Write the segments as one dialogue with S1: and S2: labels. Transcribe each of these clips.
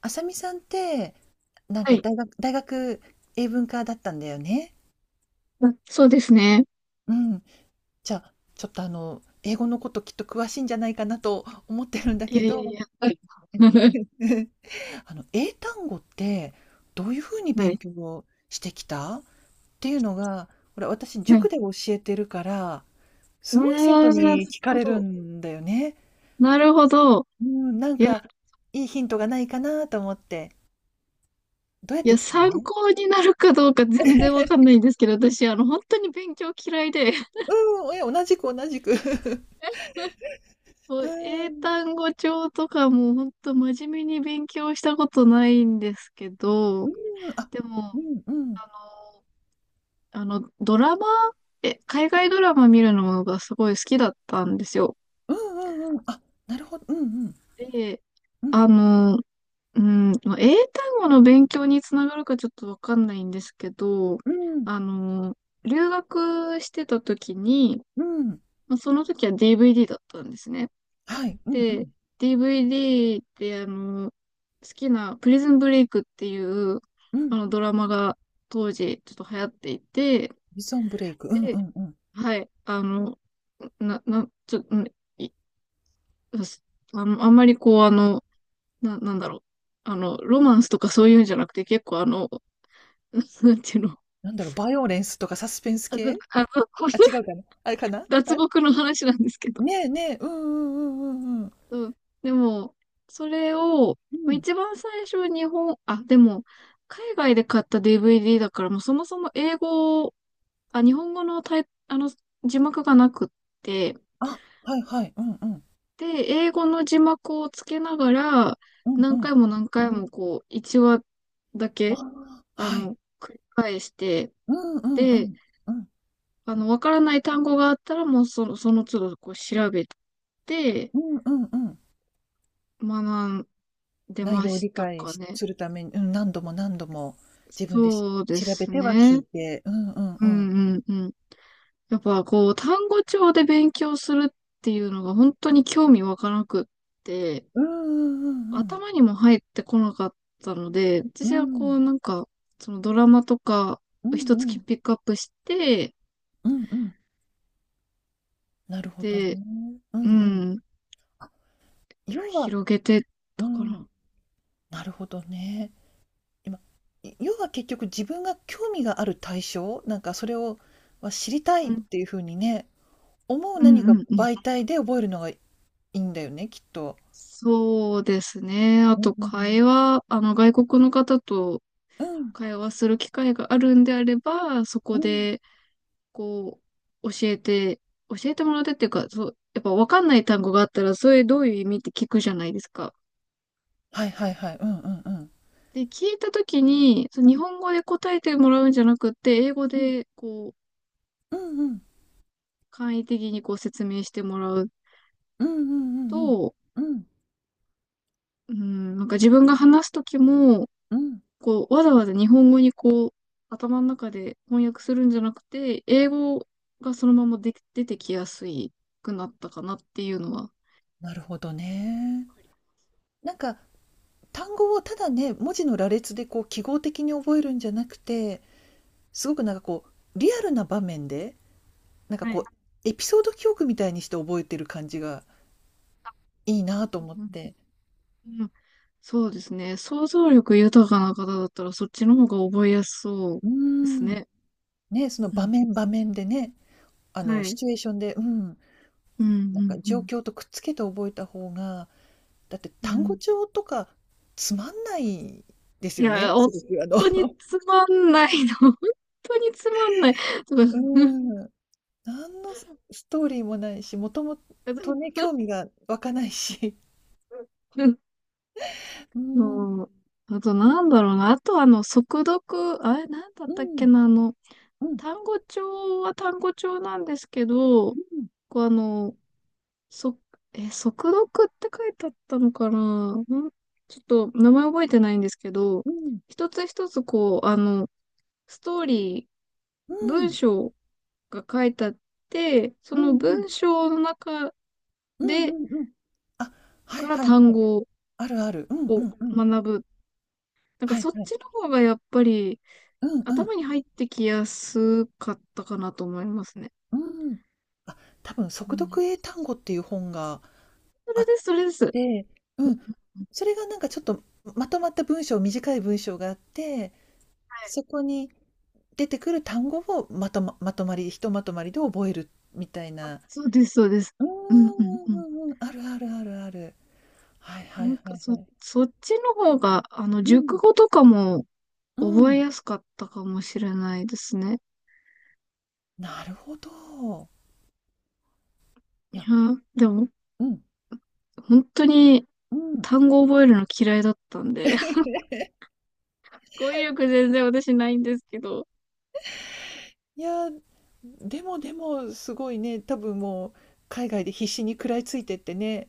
S1: あさみさんって、なん
S2: は
S1: か
S2: い。
S1: 大学英文科だったんだよね。
S2: あ、そうですね。
S1: うん。じゃあ、ちょっと英語のこときっと詳しいんじゃないかなと思ってるんだ
S2: いや
S1: け
S2: いや
S1: ど、
S2: いや。はい。
S1: 英単語ってどういうふうに
S2: は
S1: 勉
S2: い。
S1: 強をしてきたっていうのが、これ私
S2: はい。
S1: 塾で教えてるから、
S2: あ
S1: すごい生徒
S2: あ、なる
S1: に聞か
S2: ほ
S1: れる
S2: ど。
S1: んだよね。
S2: なるほど。
S1: うん、なん
S2: いや、
S1: かいいヒントがないかなと思って。どうやっ
S2: い
S1: て
S2: や、
S1: きた
S2: 参考になるかどうか全然わかんないんですけど、私、本当に勉強嫌いで、
S1: うん、同じく同じく。
S2: も
S1: う
S2: う英
S1: ん、
S2: 単語帳とかも本当真面目に勉強したことないんですけ
S1: う
S2: ど、
S1: ーん、あ、
S2: で
S1: う
S2: も、
S1: んうん。
S2: あの、あの、ドラマ、え、海外ドラマ見るのがすごい好きだったんですよ。
S1: うんうんうん。あ、なるほど。うんうん。
S2: で、
S1: うん。
S2: あの、うん、まあ英単語の勉強につながるかちょっとわかんないんですけど、
S1: うん。
S2: あの、留学してた時に、
S1: うん。
S2: まあ、その時は DVD だったんですね。
S1: はい。うんう
S2: で、
S1: ん。
S2: DVD って好きなプリズンブレイクっていう
S1: う
S2: あ
S1: ん。
S2: のドラマが当時ちょっと流行っていて、
S1: ビジョンブレイク。うんう
S2: で、
S1: んうん。
S2: はい、あの、な、な、ちょ、うんいあの、あんまりこうなんだろう。ロマンスとかそういうんじゃなくて結構なんていうの
S1: なんだろう、バイオレンスとかサスペンス
S2: あの、
S1: 系？
S2: あの、これ
S1: あ、違うかな？あれかな？
S2: 脱
S1: あれ？
S2: 獄の話なんですけど。
S1: ねえねえ。うんうんうんうんうん。
S2: うん。でも、それを、
S1: う
S2: まあ
S1: ん。
S2: 一番最初日本、あ、でも、海外で買った DVD だから、もうそもそも英語、あ、日本語のタイ、あの、字幕がなくって、
S1: あ、はいはい。うんうん。
S2: で、英語の字幕をつけながら、
S1: うんう
S2: 何
S1: ん。
S2: 回も何回もこう、1話だ
S1: あ
S2: け、
S1: あ、はい。
S2: 繰り返して、
S1: うんうんう
S2: で、
S1: ん。うんあはい、
S2: わからない単語があったら、もうその都度こう調べて
S1: うんうんうん。
S2: 学んで
S1: 内
S2: ま
S1: 容を
S2: し
S1: 理
S2: た
S1: 解
S2: か
S1: し
S2: ね。
S1: するために、うん、何度も何度も自分で
S2: そうで
S1: 調べ
S2: す
S1: ては聞
S2: ね。
S1: いて。うんうん
S2: う
S1: うん。
S2: んうんうん。やっぱこう、単語帳で勉強するっていうのが本当に興味わからなくって、
S1: うんうん
S2: 頭にも入ってこなかったので、
S1: うん
S2: 私は
S1: う
S2: こう
S1: ん。
S2: なんか、そのドラマとか
S1: うん。うん
S2: 一
S1: う
S2: つピ
S1: ん。
S2: ックアップして、
S1: うんうん。なるほど
S2: で、
S1: ね。う
S2: う
S1: んうん。
S2: ん、
S1: 要は
S2: 広げて
S1: う
S2: たか
S1: ん、
S2: な。
S1: なるほどね。今、要は結局自分が興味がある対象、なんかそれをは知りた
S2: う
S1: いっ
S2: ん、
S1: ていう風にね、思う
S2: うん
S1: 何か
S2: うんうん。
S1: 媒体で覚えるのがいいんだよね、きっと。
S2: そうですね。あ
S1: うん
S2: と、
S1: うん
S2: 会話、あの、外国の方と
S1: うん。
S2: 会話する機会があるんであれば、そこ
S1: うん、うん。
S2: で、こう、教えてもらってっていうか、そう、やっぱ分かんない単語があったら、それどういう意味って聞くじゃないですか。
S1: はいはいはい。うんうんうん。
S2: で、聞いたときに、そう
S1: う
S2: 日
S1: ん
S2: 本語で答えてもらうんじゃなくって、英語
S1: うん。
S2: で、こう、
S1: うんうん。
S2: 簡易的にこう説明してもらう
S1: うんうんうん
S2: と、
S1: うん。うん。
S2: うん、なんか自分が話すときも、
S1: うん。
S2: こう、わざわざ日本語にこう、頭の中で翻訳するんじゃなくて、英語がそのままで出てきやすいくなったかなっていうのは。
S1: なるほどね。なんか単語をただね、文字の羅列でこう記号的に覚えるんじゃなくて、すごくなんかこうリアルな場面でなんか
S2: は
S1: こ
S2: い。
S1: うエピソード記憶みたいにして覚えてる感じがいいなと思っ
S2: うん
S1: て。
S2: うん、そうですね。想像力豊かな方だったら、そっちの方が覚えやすそう
S1: う
S2: です
S1: ーん。
S2: ね。
S1: ね、その
S2: う
S1: 場
S2: ん。
S1: 面場面でね、あ
S2: は
S1: のシ
S2: い。
S1: チュエーションで、うん、
S2: うん、う
S1: なんか
S2: ん、う
S1: 状
S2: ん。
S1: 況とくっつけて覚えた方が、だって
S2: う
S1: 単語
S2: ん、
S1: 帳とかつまんないです
S2: い
S1: よね、
S2: や、本
S1: すごくあの
S2: 当に つまんないの。本当につまんない。とか
S1: うん。何のストーリーもないし、もともとね、興味が湧かないし。うーん、
S2: そう。あと、なんだろうな。あと、速読、あれ、なんだっ
S1: う
S2: たっけ
S1: ん、
S2: な。
S1: うん、うん、
S2: 単語帳は単語帳なんですけど、こう、そ、速読って書いてあったのかな。ちょっと、名前覚えてないんですけど、
S1: うん、うん、
S2: 一つ一つ、こう、ストーリ
S1: う
S2: ー、文
S1: ん、
S2: 章が書いてあって、そ
S1: うん、
S2: の
S1: うん、
S2: 文章の中
S1: うん、
S2: で、
S1: うん。うんあ、は
S2: か
S1: い
S2: ら
S1: はいは
S2: 単
S1: い。
S2: 語
S1: あるある。うんう
S2: を
S1: んうん。
S2: 学ぶ。なんか、
S1: はい
S2: そ、っ
S1: はい。
S2: ちの方がやっぱり、
S1: うんうん。
S2: 頭に入ってきやすかったかなと思いますね。
S1: うん。あ、多分
S2: う
S1: 速
S2: ん。
S1: 読英単語っていう本が
S2: そ
S1: あ
S2: れ
S1: っ
S2: です、それです。
S1: て、うん。それがなんかちょっとまとまった文章、短い文章があって、そこに出てくる単語をまとまり、ひとまとまりで覚えるみたいな。
S2: そうです、そうです。
S1: うんう
S2: うんうんう
S1: ん
S2: ん。
S1: うんうん。あるあるあるある。はいは
S2: な
S1: い
S2: ん
S1: は
S2: か
S1: いはい。
S2: そっちの方が、
S1: う
S2: 熟
S1: ん、
S2: 語とかも
S1: う
S2: 覚え
S1: ん。
S2: やすかったかもしれないですね。
S1: なるほど。い
S2: いや、
S1: や、
S2: でも、
S1: うん、
S2: 本当に
S1: うん。
S2: 単語覚えるの嫌いだったんで、語彙力全然私ないんですけど。
S1: いや、でもすごいね、多分もう海外で必死に食らいついてってね、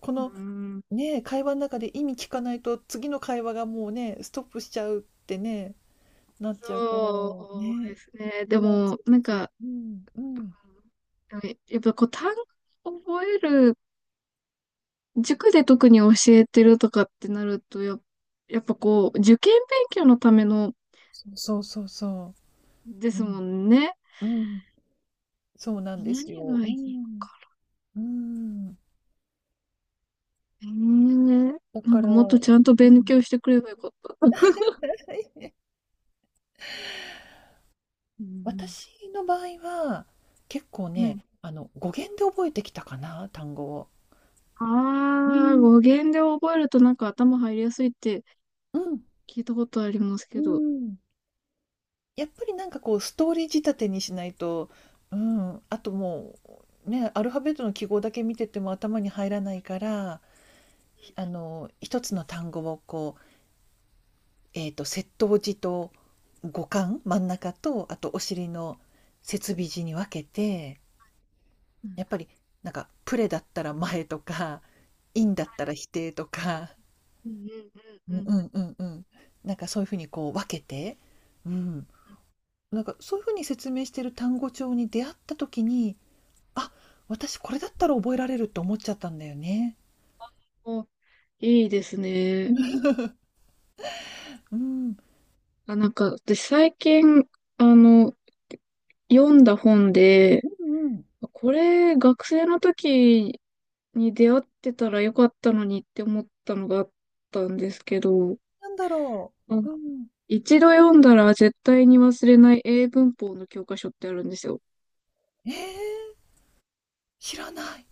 S1: こ
S2: う
S1: の
S2: ん、
S1: ね、会話の中で意味聞かないと次の会話がもうね、ストップしちゃうってね、なっちゃうから、
S2: そうで
S1: ね、
S2: すね。で
S1: 食らいつ
S2: も、
S1: いて
S2: なん
S1: き、
S2: か、
S1: うんうん。
S2: やっぱこう単語覚える塾で特に教えてるとかってなると、やっぱこう、受験勉強のための
S1: そうそうそうそ
S2: で
S1: う。う
S2: すも
S1: ん、
S2: んね。
S1: うん。そうなんで
S2: 何
S1: すよ。
S2: が
S1: う
S2: いいの
S1: ん、
S2: か
S1: うん。
S2: ね。
S1: だ
S2: な
S1: か
S2: んか
S1: ら、
S2: もっと
S1: う
S2: ちゃんと勉
S1: ん。
S2: 強してくればよかった。うん
S1: 私の場合は、結構
S2: う
S1: ね、
S2: ん。
S1: 語源で覚えてきたかな、単語を。
S2: あ
S1: う
S2: あー、
S1: ん。
S2: 語源で覚えるとなんか頭入りやすいって
S1: うん、
S2: 聞いたことあります
S1: う
S2: けど。
S1: ん。やっぱりなんかこうストーリー仕立てにしないと、うん、あともう、ね、アルファベットの記号だけ見てても頭に入らないから、ひあの、一つの単語をこう、接頭字と語幹、真ん中と、あとお尻の接尾字に分けて、
S2: うんうんうん、
S1: やっぱりなんかプレだったら前とか、インだっ
S2: は
S1: た
S2: い。
S1: ら否定とか、
S2: うんうん
S1: う
S2: う
S1: ん
S2: ん
S1: うんうんうん。なんかそういうふうにこう分けて、うん。
S2: うん。
S1: なんかそういうふうに説明してる単語帳に出会った時に、あ、私これだったら覚えられるって思っちゃったんだよね。
S2: お、いいですね。
S1: うん。うん
S2: あ、なんか私最近、あの、読んだ本で、
S1: うん。
S2: これ、学生の時に出会ってたらよかったのにって思ったのがあったんですけど、
S1: なんだろ
S2: あ
S1: う。うん。
S2: 一度読んだら絶対に忘れない英文法の教科書ってあるんですよ。
S1: えー知らない。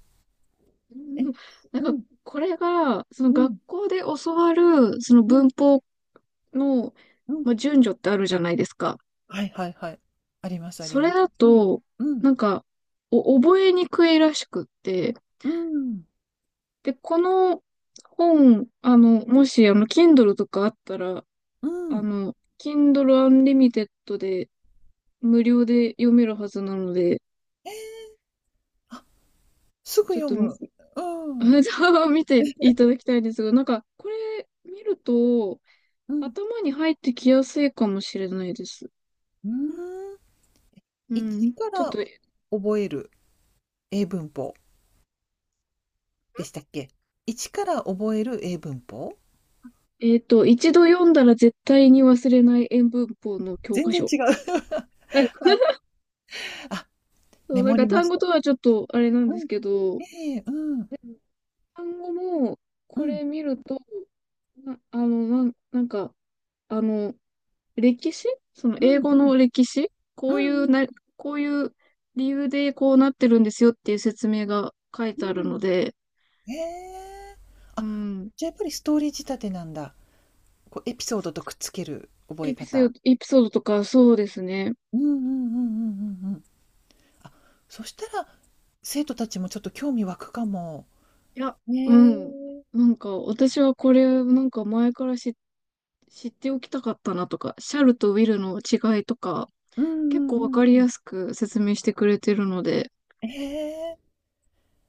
S2: う
S1: え、
S2: ん、なん
S1: う
S2: か、
S1: ん、
S2: これが、その
S1: う
S2: 学
S1: ん、
S2: 校で教わる、その
S1: うん、
S2: 文法の、
S1: うん。
S2: まあ、順序ってあるじゃないですか。
S1: はいはいはい。ありますあり
S2: それ
S1: ます。
S2: だ
S1: うん、
S2: と、
S1: うん、
S2: なんか、お覚えにくいらしくって、
S1: うん、
S2: で、この本、もし、Kindle とかあったら、
S1: うん。
S2: Kindle Unlimited で無料で読めるはずなので、
S1: ええ。すぐ
S2: ちょっ
S1: 読
S2: と
S1: む。うん。
S2: 見ていただきたいんですが、なんか、これ見ると、
S1: うん。
S2: 頭に入ってきやすいかもしれないです。
S1: うーん。
S2: う
S1: 一
S2: ん。
S1: か
S2: ちょっ
S1: ら
S2: と、
S1: 覚える英文法でしたっけ？一から覚える英文法？
S2: 一度読んだら絶対に忘れない英文法の教
S1: 全
S2: 科
S1: 然
S2: 書。
S1: 違う。はい。あ、
S2: そ
S1: メ
S2: う、なん
S1: モ
S2: か
S1: りま
S2: 単
S1: し
S2: 語
S1: た。
S2: とはちょっとあれなん
S1: う
S2: です
S1: ん。
S2: けど、
S1: ええ、うん。う
S2: 単語も
S1: ん。
S2: これ見ると、な、あの、なん、なんか、あの、歴史その
S1: う
S2: 英
S1: んうん。
S2: 語の歴史
S1: う
S2: こ
S1: ん
S2: うい
S1: う
S2: う
S1: んう
S2: な、
S1: ん。
S2: こういう理由でこうなってるんですよっていう説明が書い
S1: うん
S2: て
S1: うん
S2: あ
S1: うんう
S2: る
S1: ん、
S2: ので、
S1: へえ。
S2: う
S1: あ、
S2: ん。
S1: じゃ、やっぱりストーリー仕立てなんだ。こうエピソードとくっつける覚え方。
S2: エピソードとかそうですね。
S1: うんうんうんうんうんうん。あ、そしたら、生徒たちもちょっと興味湧くかも。
S2: いや、う
S1: ね
S2: ん。
S1: え。
S2: なんか私はこれなんか前から知っておきたかったなとか、シャルとウィルの違いとか、
S1: うんう
S2: 結構
S1: ん
S2: わ
S1: う
S2: か
S1: んう
S2: り
S1: ん。
S2: やすく説明してくれてるので、
S1: ええ、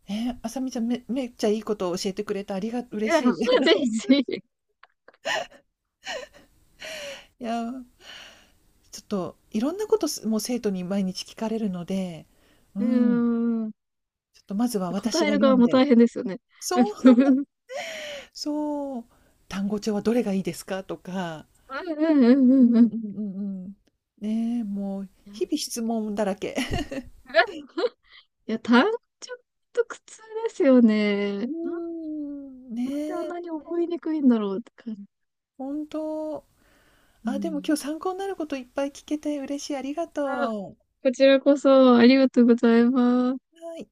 S1: ねあさみちゃん、めっちゃいいことを教えてくれてありが
S2: い
S1: 嬉
S2: や、
S1: しい。
S2: ぜ ひぜひ。
S1: いやー、ちょっといろんなこともう生徒に毎日聞かれるので、う
S2: うー
S1: ん、
S2: ん。
S1: ちょっとまずは
S2: 答
S1: 私
S2: え
S1: が
S2: る
S1: 読
S2: 側
S1: ん
S2: も大
S1: で、
S2: 変ですよね。
S1: そう、
S2: うん
S1: そう、単語帳はどれがいいですかとか、
S2: うんうん
S1: う
S2: うんう
S1: んう
S2: ん、
S1: んうんうん。ねえ、もう
S2: いや、
S1: 日々質問だらけ。
S2: 単純と苦痛ですよね。
S1: うー
S2: なん
S1: ん、
S2: であん
S1: ねえ、
S2: なに覚えにくいんだろうって感じ。
S1: ほん
S2: う
S1: あ、でも今
S2: ん。
S1: 日参考になることいっぱい聞けて嬉しい、ありが
S2: あ
S1: とう。
S2: こちらこそありがとうございます。
S1: はい。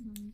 S2: うん